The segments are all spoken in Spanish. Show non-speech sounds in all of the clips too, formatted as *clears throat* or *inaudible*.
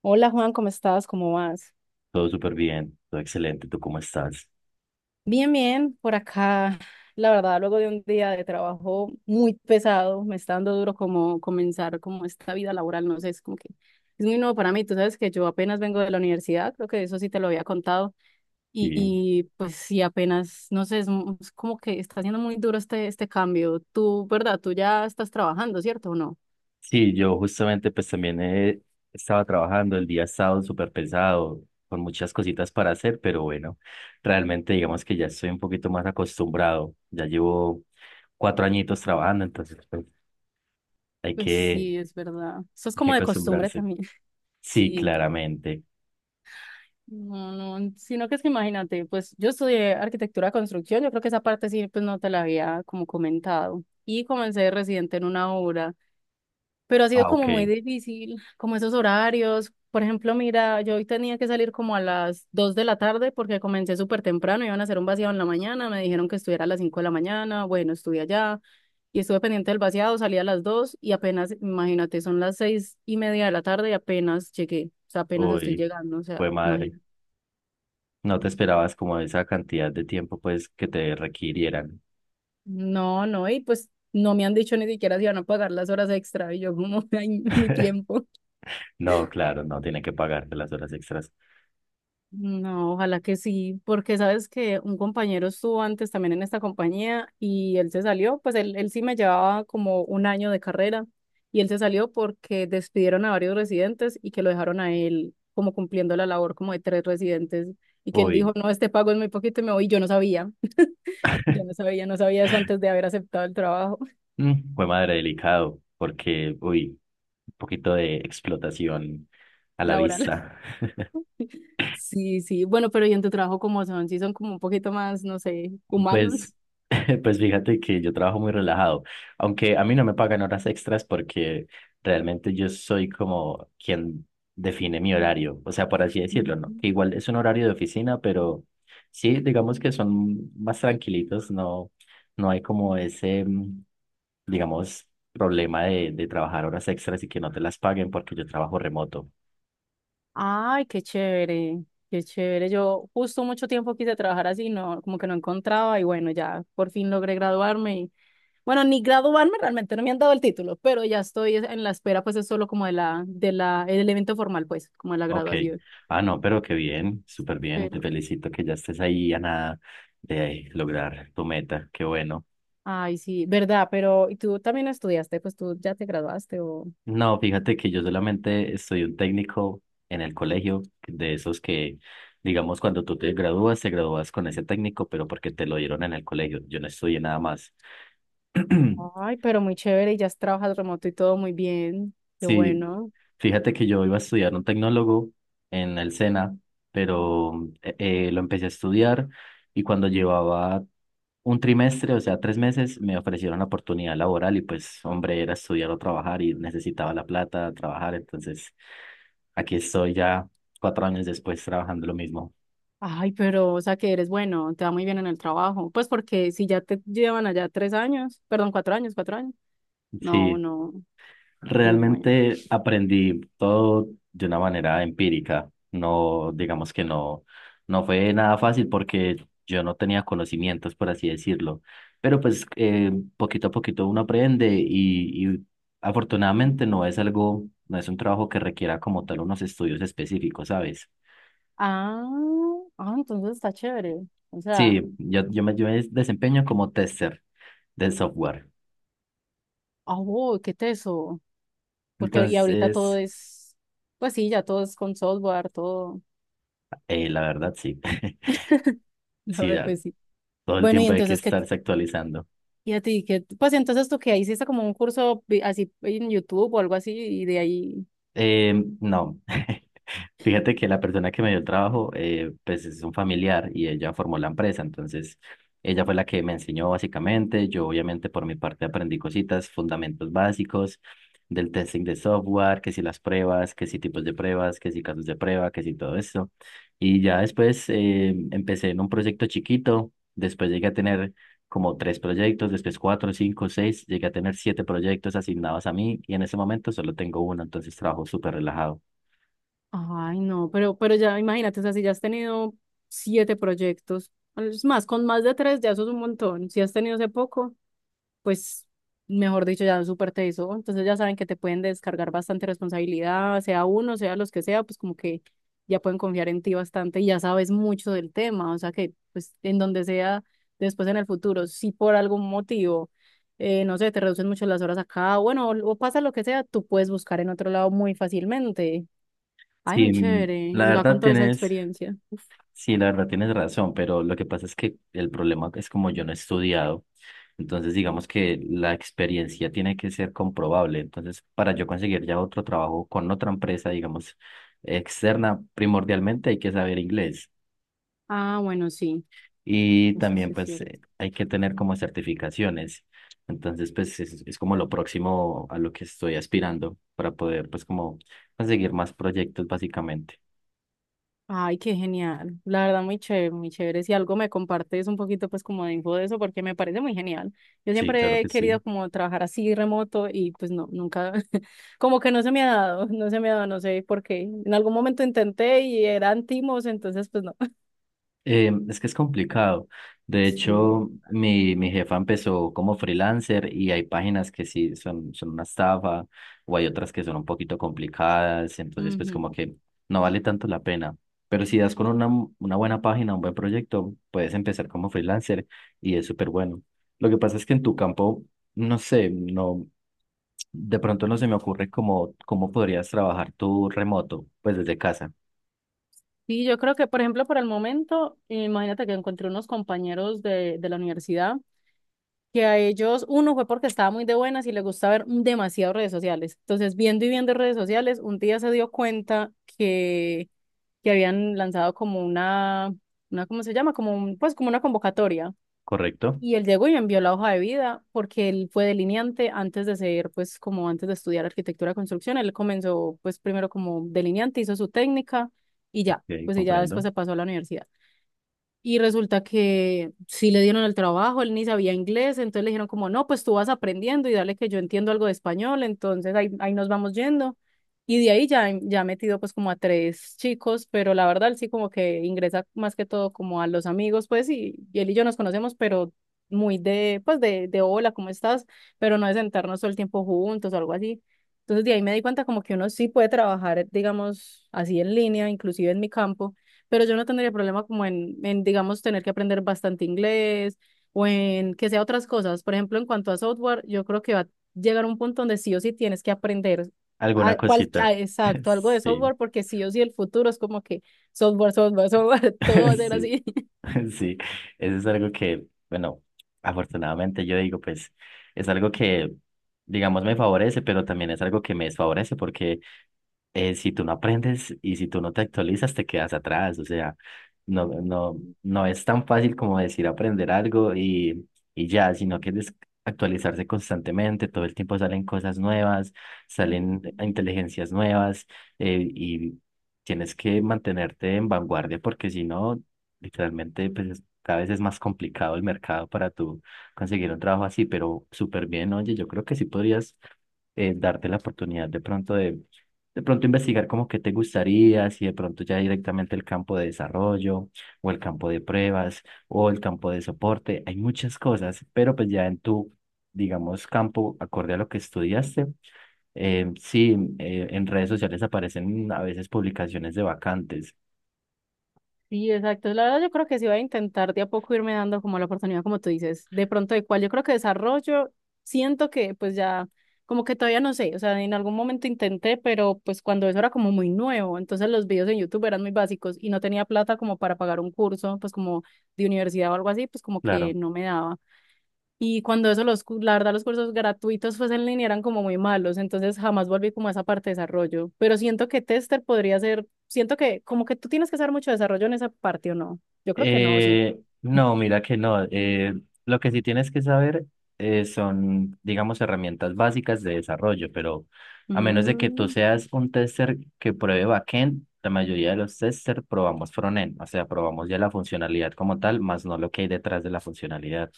Hola Juan, ¿cómo estás? ¿Cómo vas? Todo súper bien, todo excelente. ¿Tú cómo estás? Bien, bien, por acá. La verdad, luego de un día de trabajo muy pesado, me está dando duro como comenzar como esta vida laboral, no sé, es como que es muy nuevo para mí. Tú sabes que yo apenas vengo de la universidad, creo que eso sí te lo había contado, y, Sí, y, pues sí, apenas, no sé, es como que está siendo muy duro este cambio. Tú, ¿verdad? Tú ya estás trabajando, ¿cierto o no? sí, yo justamente pues también estaba trabajando, el día ha estado súper pesado, con muchas cositas para hacer, pero bueno, realmente digamos que ya estoy un poquito más acostumbrado. Ya llevo cuatro añitos trabajando, entonces pues, hay Pues que, sí, es verdad. Eso es hay que como de costumbre acostumbrarse. también. *laughs* Sí, Sí. claramente. No, no, sino que es que imagínate, pues yo estudié arquitectura de construcción, yo creo que esa parte sí, pues no te la había como comentado. Y comencé de residente en una obra, pero ha sido Ah, ok. como muy difícil, como esos horarios. Por ejemplo, mira, yo hoy tenía que salir como a las 2 de la tarde porque comencé súper temprano, iban a hacer un vaciado en la mañana, me dijeron que estuviera a las 5 de la mañana, bueno, estuve allá y estuve pendiente del vaciado, salí a las 2 y apenas, imagínate, son las 6:30 de la tarde y apenas llegué, o sea, apenas estoy Uy, llegando, o sea, fue madre. imagínate. No te esperabas como esa cantidad de tiempo pues que te requirieran. No, no, y pues no me han dicho ni siquiera si van a pagar las horas extra y yo como, *laughs* ay, mi tiempo. No, claro, no tiene que pagarte las horas extras. No, ojalá que sí, porque sabes que un compañero estuvo antes también en esta compañía y él se salió, pues él sí me llevaba como un año de carrera y él se salió porque despidieron a varios residentes y que lo dejaron a él como cumpliendo la labor como de tres residentes y que él Uy, dijo, no, este pago es muy poquito y me voy, y yo no sabía, *laughs* yo no sabía eso antes de haber aceptado el trabajo *laughs* mm, fue madre delicado, porque, uy, un poquito de explotación a la laboral. vista. Sí, sí. Bueno, pero ¿y en tu trabajo cómo son? Sí, son como un poquito más, no sé, humanos. Pues, *laughs* pues fíjate que yo trabajo muy relajado, aunque a mí no me pagan horas extras porque realmente yo soy como quien define mi horario, o sea, por así decirlo, ¿no? Que igual Mm. es un horario de oficina, pero sí, digamos que son más tranquilitos, no, no hay como ese, digamos, problema de trabajar horas extras y que no te las paguen porque yo trabajo remoto. Ay, qué chévere, qué chévere. Yo justo mucho tiempo quise trabajar así, no, como que no encontraba y bueno, ya por fin logré graduarme y bueno, ni graduarme realmente, no me han dado el título, pero ya estoy en la espera, pues es solo como el evento formal, pues, como de la Ok. graduación. Ah, no, pero qué bien, súper bien. Te Pero, felicito que ya estés ahí a nada de lograr tu meta. Qué bueno. ay, sí, verdad, pero ¿y tú también estudiaste? Pues tú ya te graduaste o. No, fíjate que yo solamente soy un técnico en el colegio, de esos que, digamos, cuando tú te gradúas con ese técnico, pero porque te lo dieron en el colegio. Yo no estudié nada más. *clears throat* Ay, pero muy chévere y ya trabajas remoto y todo muy bien. Qué Sí, bueno. fíjate que yo iba a estudiar un tecnólogo en el SENA, pero eh, lo empecé a estudiar y cuando llevaba un trimestre, o sea, tres meses, me ofrecieron la oportunidad laboral y pues, hombre, era estudiar o trabajar y necesitaba la plata, trabajar, entonces aquí estoy ya cuatro años después trabajando lo mismo. Ay, pero, o sea, que eres bueno, te va muy bien en el trabajo. Pues porque si ya te llevan allá 3 años, perdón, 4 años, 4 años. No, Sí, no, muy bueno. realmente aprendí todo de una manera empírica. No, digamos que no, no fue nada fácil porque yo no tenía conocimientos, por así decirlo. Pero pues poquito a poquito uno aprende y afortunadamente no es algo, no es un trabajo que requiera como tal unos estudios específicos, ¿sabes? Ah, ah, entonces está chévere. O sea, Sí, yo me desempeño como tester del software. ah, wow, qué teso. Porque y ahorita todo Entonces, es, pues sí, ya todo es con software, todo. La verdad sí, *laughs* *laughs* La sí, verdad, pues sí. todo el Bueno, y tiempo hay que entonces, ¿qué, estarse actualizando. y a ti, qué, pues entonces tú que hiciste como un curso vi- así en YouTube o algo así y de ahí. Eh, no. *laughs* Fíjate que la persona que me dio el trabajo, pues es un familiar y ella formó la empresa, entonces ella fue la que me enseñó básicamente, yo obviamente por mi parte aprendí cositas, fundamentos básicos del testing de software, que si las pruebas, que si tipos de pruebas, que si casos de prueba, que si todo eso. Y ya después empecé en un proyecto chiquito, después llegué a tener como tres proyectos, después cuatro, cinco, seis, llegué a tener siete proyectos asignados a mí y en ese momento solo tengo uno, entonces trabajo súper relajado. Ay, no, pero ya imagínate, o sea, si ya has tenido siete proyectos, es más, con más de tres ya eso es un montón. Si has tenido hace poco, pues, mejor dicho, ya súper te hizo. Entonces ya saben que te pueden descargar bastante responsabilidad, sea uno, sea los que sea, pues como que ya pueden confiar en ti bastante y ya sabes mucho del tema, o sea que, pues, en donde sea, después en el futuro, si por algún motivo, no sé, te reducen mucho las horas acá, bueno, o pasa lo que sea, tú puedes buscar en otro lado muy fácilmente. Ay, muy Sí, mm, chévere. la Y ya verdad con toda esa tienes, experiencia. sí, la verdad tienes razón, pero lo que pasa es que el problema es como yo no he estudiado, entonces digamos que la experiencia tiene que ser comprobable, entonces para yo conseguir ya otro trabajo con otra empresa, digamos, externa, primordialmente hay que saber inglés Ah, bueno, sí, y eso también sí es pues cierto. Hay que tener como certificaciones, entonces pues es como lo próximo a lo que estoy aspirando para poder pues como conseguir más proyectos básicamente. Ay, qué genial. La verdad, muy chévere, muy chévere. Si algo me compartes un poquito, pues como de info de eso, porque me parece muy genial. Yo Sí, claro siempre he que sí. querido como trabajar así remoto y pues no, nunca, *laughs* como que no se me ha dado, no se me ha dado, no sé por qué. En algún momento intenté y eran timos, entonces pues no. *laughs* Es que es complicado. De Sí. hecho, mi jefa empezó como freelancer y hay páginas que sí son, son una estafa o hay otras que son un poquito complicadas. Entonces, pues como Ujú. que no vale tanto la pena. Pero si das con una buena página, un buen proyecto, puedes empezar como freelancer y es súper bueno. Lo que pasa es que en tu campo, no sé, no, de pronto no se me ocurre cómo, cómo podrías trabajar tú remoto, pues desde casa, Sí, yo creo que, por ejemplo, por el momento, imagínate que encontré unos compañeros de la universidad, que a ellos, uno fue porque estaba muy de buenas y les gusta ver demasiado redes sociales. Entonces, viendo y viendo redes sociales, un día se dio cuenta que, que, habían lanzado como ¿cómo se llama? Como pues como una convocatoria. ¿correcto? Y él llegó y me envió la hoja de vida porque él fue delineante antes de ser, pues como antes de estudiar arquitectura de construcción, él comenzó pues primero como delineante, hizo su técnica y ya, Ok, pues y ya después comprendo. se pasó a la universidad. Y resulta que sí le dieron el trabajo, él ni sabía inglés, entonces le dijeron como, no, pues tú vas aprendiendo y dale que yo entiendo algo de español, entonces ahí, ahí nos vamos yendo. Y de ahí ya ha metido pues como a tres chicos, pero la verdad él sí como que ingresa más que todo como a los amigos, pues, y él y yo nos conocemos, pero muy de hola, ¿cómo estás? Pero no de sentarnos todo el tiempo juntos o algo así. Entonces de ahí me di cuenta como que uno sí puede trabajar, digamos, así en línea, inclusive en mi campo, pero yo no tendría problema como en, digamos, tener que aprender bastante inglés o en que sea otras cosas. Por ejemplo, en cuanto a software, yo creo que va a llegar un punto donde sí o sí tienes que aprender Alguna cosita. *laughs* Exacto, algo de Sí, software, porque sí o sí el futuro es como que software, software, software, *laughs* todo va a *laughs* ser sí, así. *laughs* *laughs* sí. Eso es algo que, bueno, afortunadamente yo digo, pues es algo que, digamos, me favorece, pero también es algo que me desfavorece porque si tú no aprendes y si tú no te actualizas, te quedas atrás. O sea, Mm, no es tan fácil como decir aprender algo y ya, sino que es actualizarse constantemente, todo el tiempo salen cosas nuevas, salen mm. inteligencias nuevas y tienes que mantenerte en vanguardia porque si no, literalmente, cada vez es más complicado el mercado para tú conseguir un trabajo así, pero súper bien, oye, yo creo que sí podrías darte la oportunidad de pronto investigar como que te gustaría, si de pronto ya directamente el campo de desarrollo o el campo de pruebas o el campo de soporte, hay muchas cosas, pero pues ya en tu, digamos, campo, acorde a lo que estudiaste, sí, en redes sociales aparecen a veces publicaciones de vacantes, Sí, exacto. La verdad, yo creo que sí voy a intentar de a poco irme dando como la oportunidad, como tú dices, de pronto de cuál. Yo creo que desarrollo, siento que pues ya, como que todavía no sé, o sea, en algún momento intenté, pero pues cuando eso era como muy nuevo, entonces los videos en YouTube eran muy básicos y no tenía plata como para pagar un curso, pues como de universidad o algo así, pues como que claro. no me daba. Y cuando eso, la verdad, los cursos gratuitos pues en línea eran como muy malos, entonces jamás volví como a esa parte de desarrollo. Pero siento que tester podría ser, siento que como que tú tienes que hacer mucho desarrollo en esa parte o no. Yo creo que no, sí. No, mira que no. Lo que sí tienes que saber son, digamos, herramientas básicas de desarrollo, pero a menos de que tú Mm, seas un tester que pruebe backend, la mayoría de los testers probamos frontend, o sea, probamos ya la funcionalidad como tal, más no lo que hay detrás de la funcionalidad.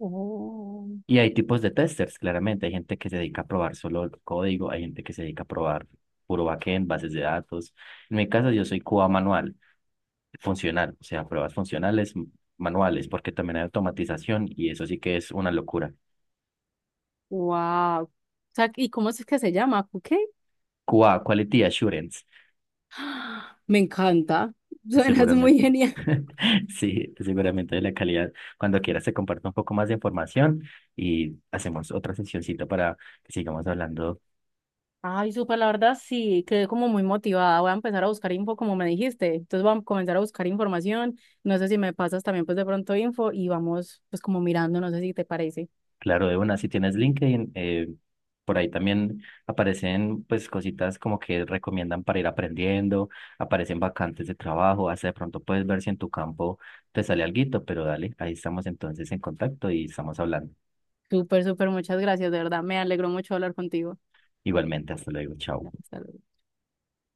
oh, Y hay tipos de testers, claramente. Hay gente que se dedica a probar solo el código, hay gente que se dedica a probar puro backend, bases de datos. En mi caso, yo soy QA manual funcional, o sea, pruebas funcionales, manuales, porque también hay automatización y eso sí que es una locura. wow. O sea, ¿y cómo es que se llama? ¿Qué? QA, Quality Assurance, *gasps* Me encanta. Suenas muy seguramente. genial. *laughs* Sí, seguramente de la calidad. Cuando quieras te comparto un poco más de información y hacemos otra sesioncita para que sigamos hablando. Ay, súper, la verdad sí, quedé como muy motivada. Voy a empezar a buscar info como me dijiste. Entonces voy a comenzar a buscar información. No sé si me pasas también pues de pronto info y vamos pues como mirando, no sé si te parece. Claro, de una, si tienes LinkedIn, por ahí también aparecen pues cositas como que recomiendan para ir aprendiendo, aparecen vacantes de trabajo, hasta de pronto puedes ver si en tu campo te sale alguito, pero dale, ahí estamos entonces en contacto y estamos hablando. Súper, súper, muchas gracias, de verdad. Me alegró mucho hablar contigo. Igualmente, hasta luego, chao. Hasta luego.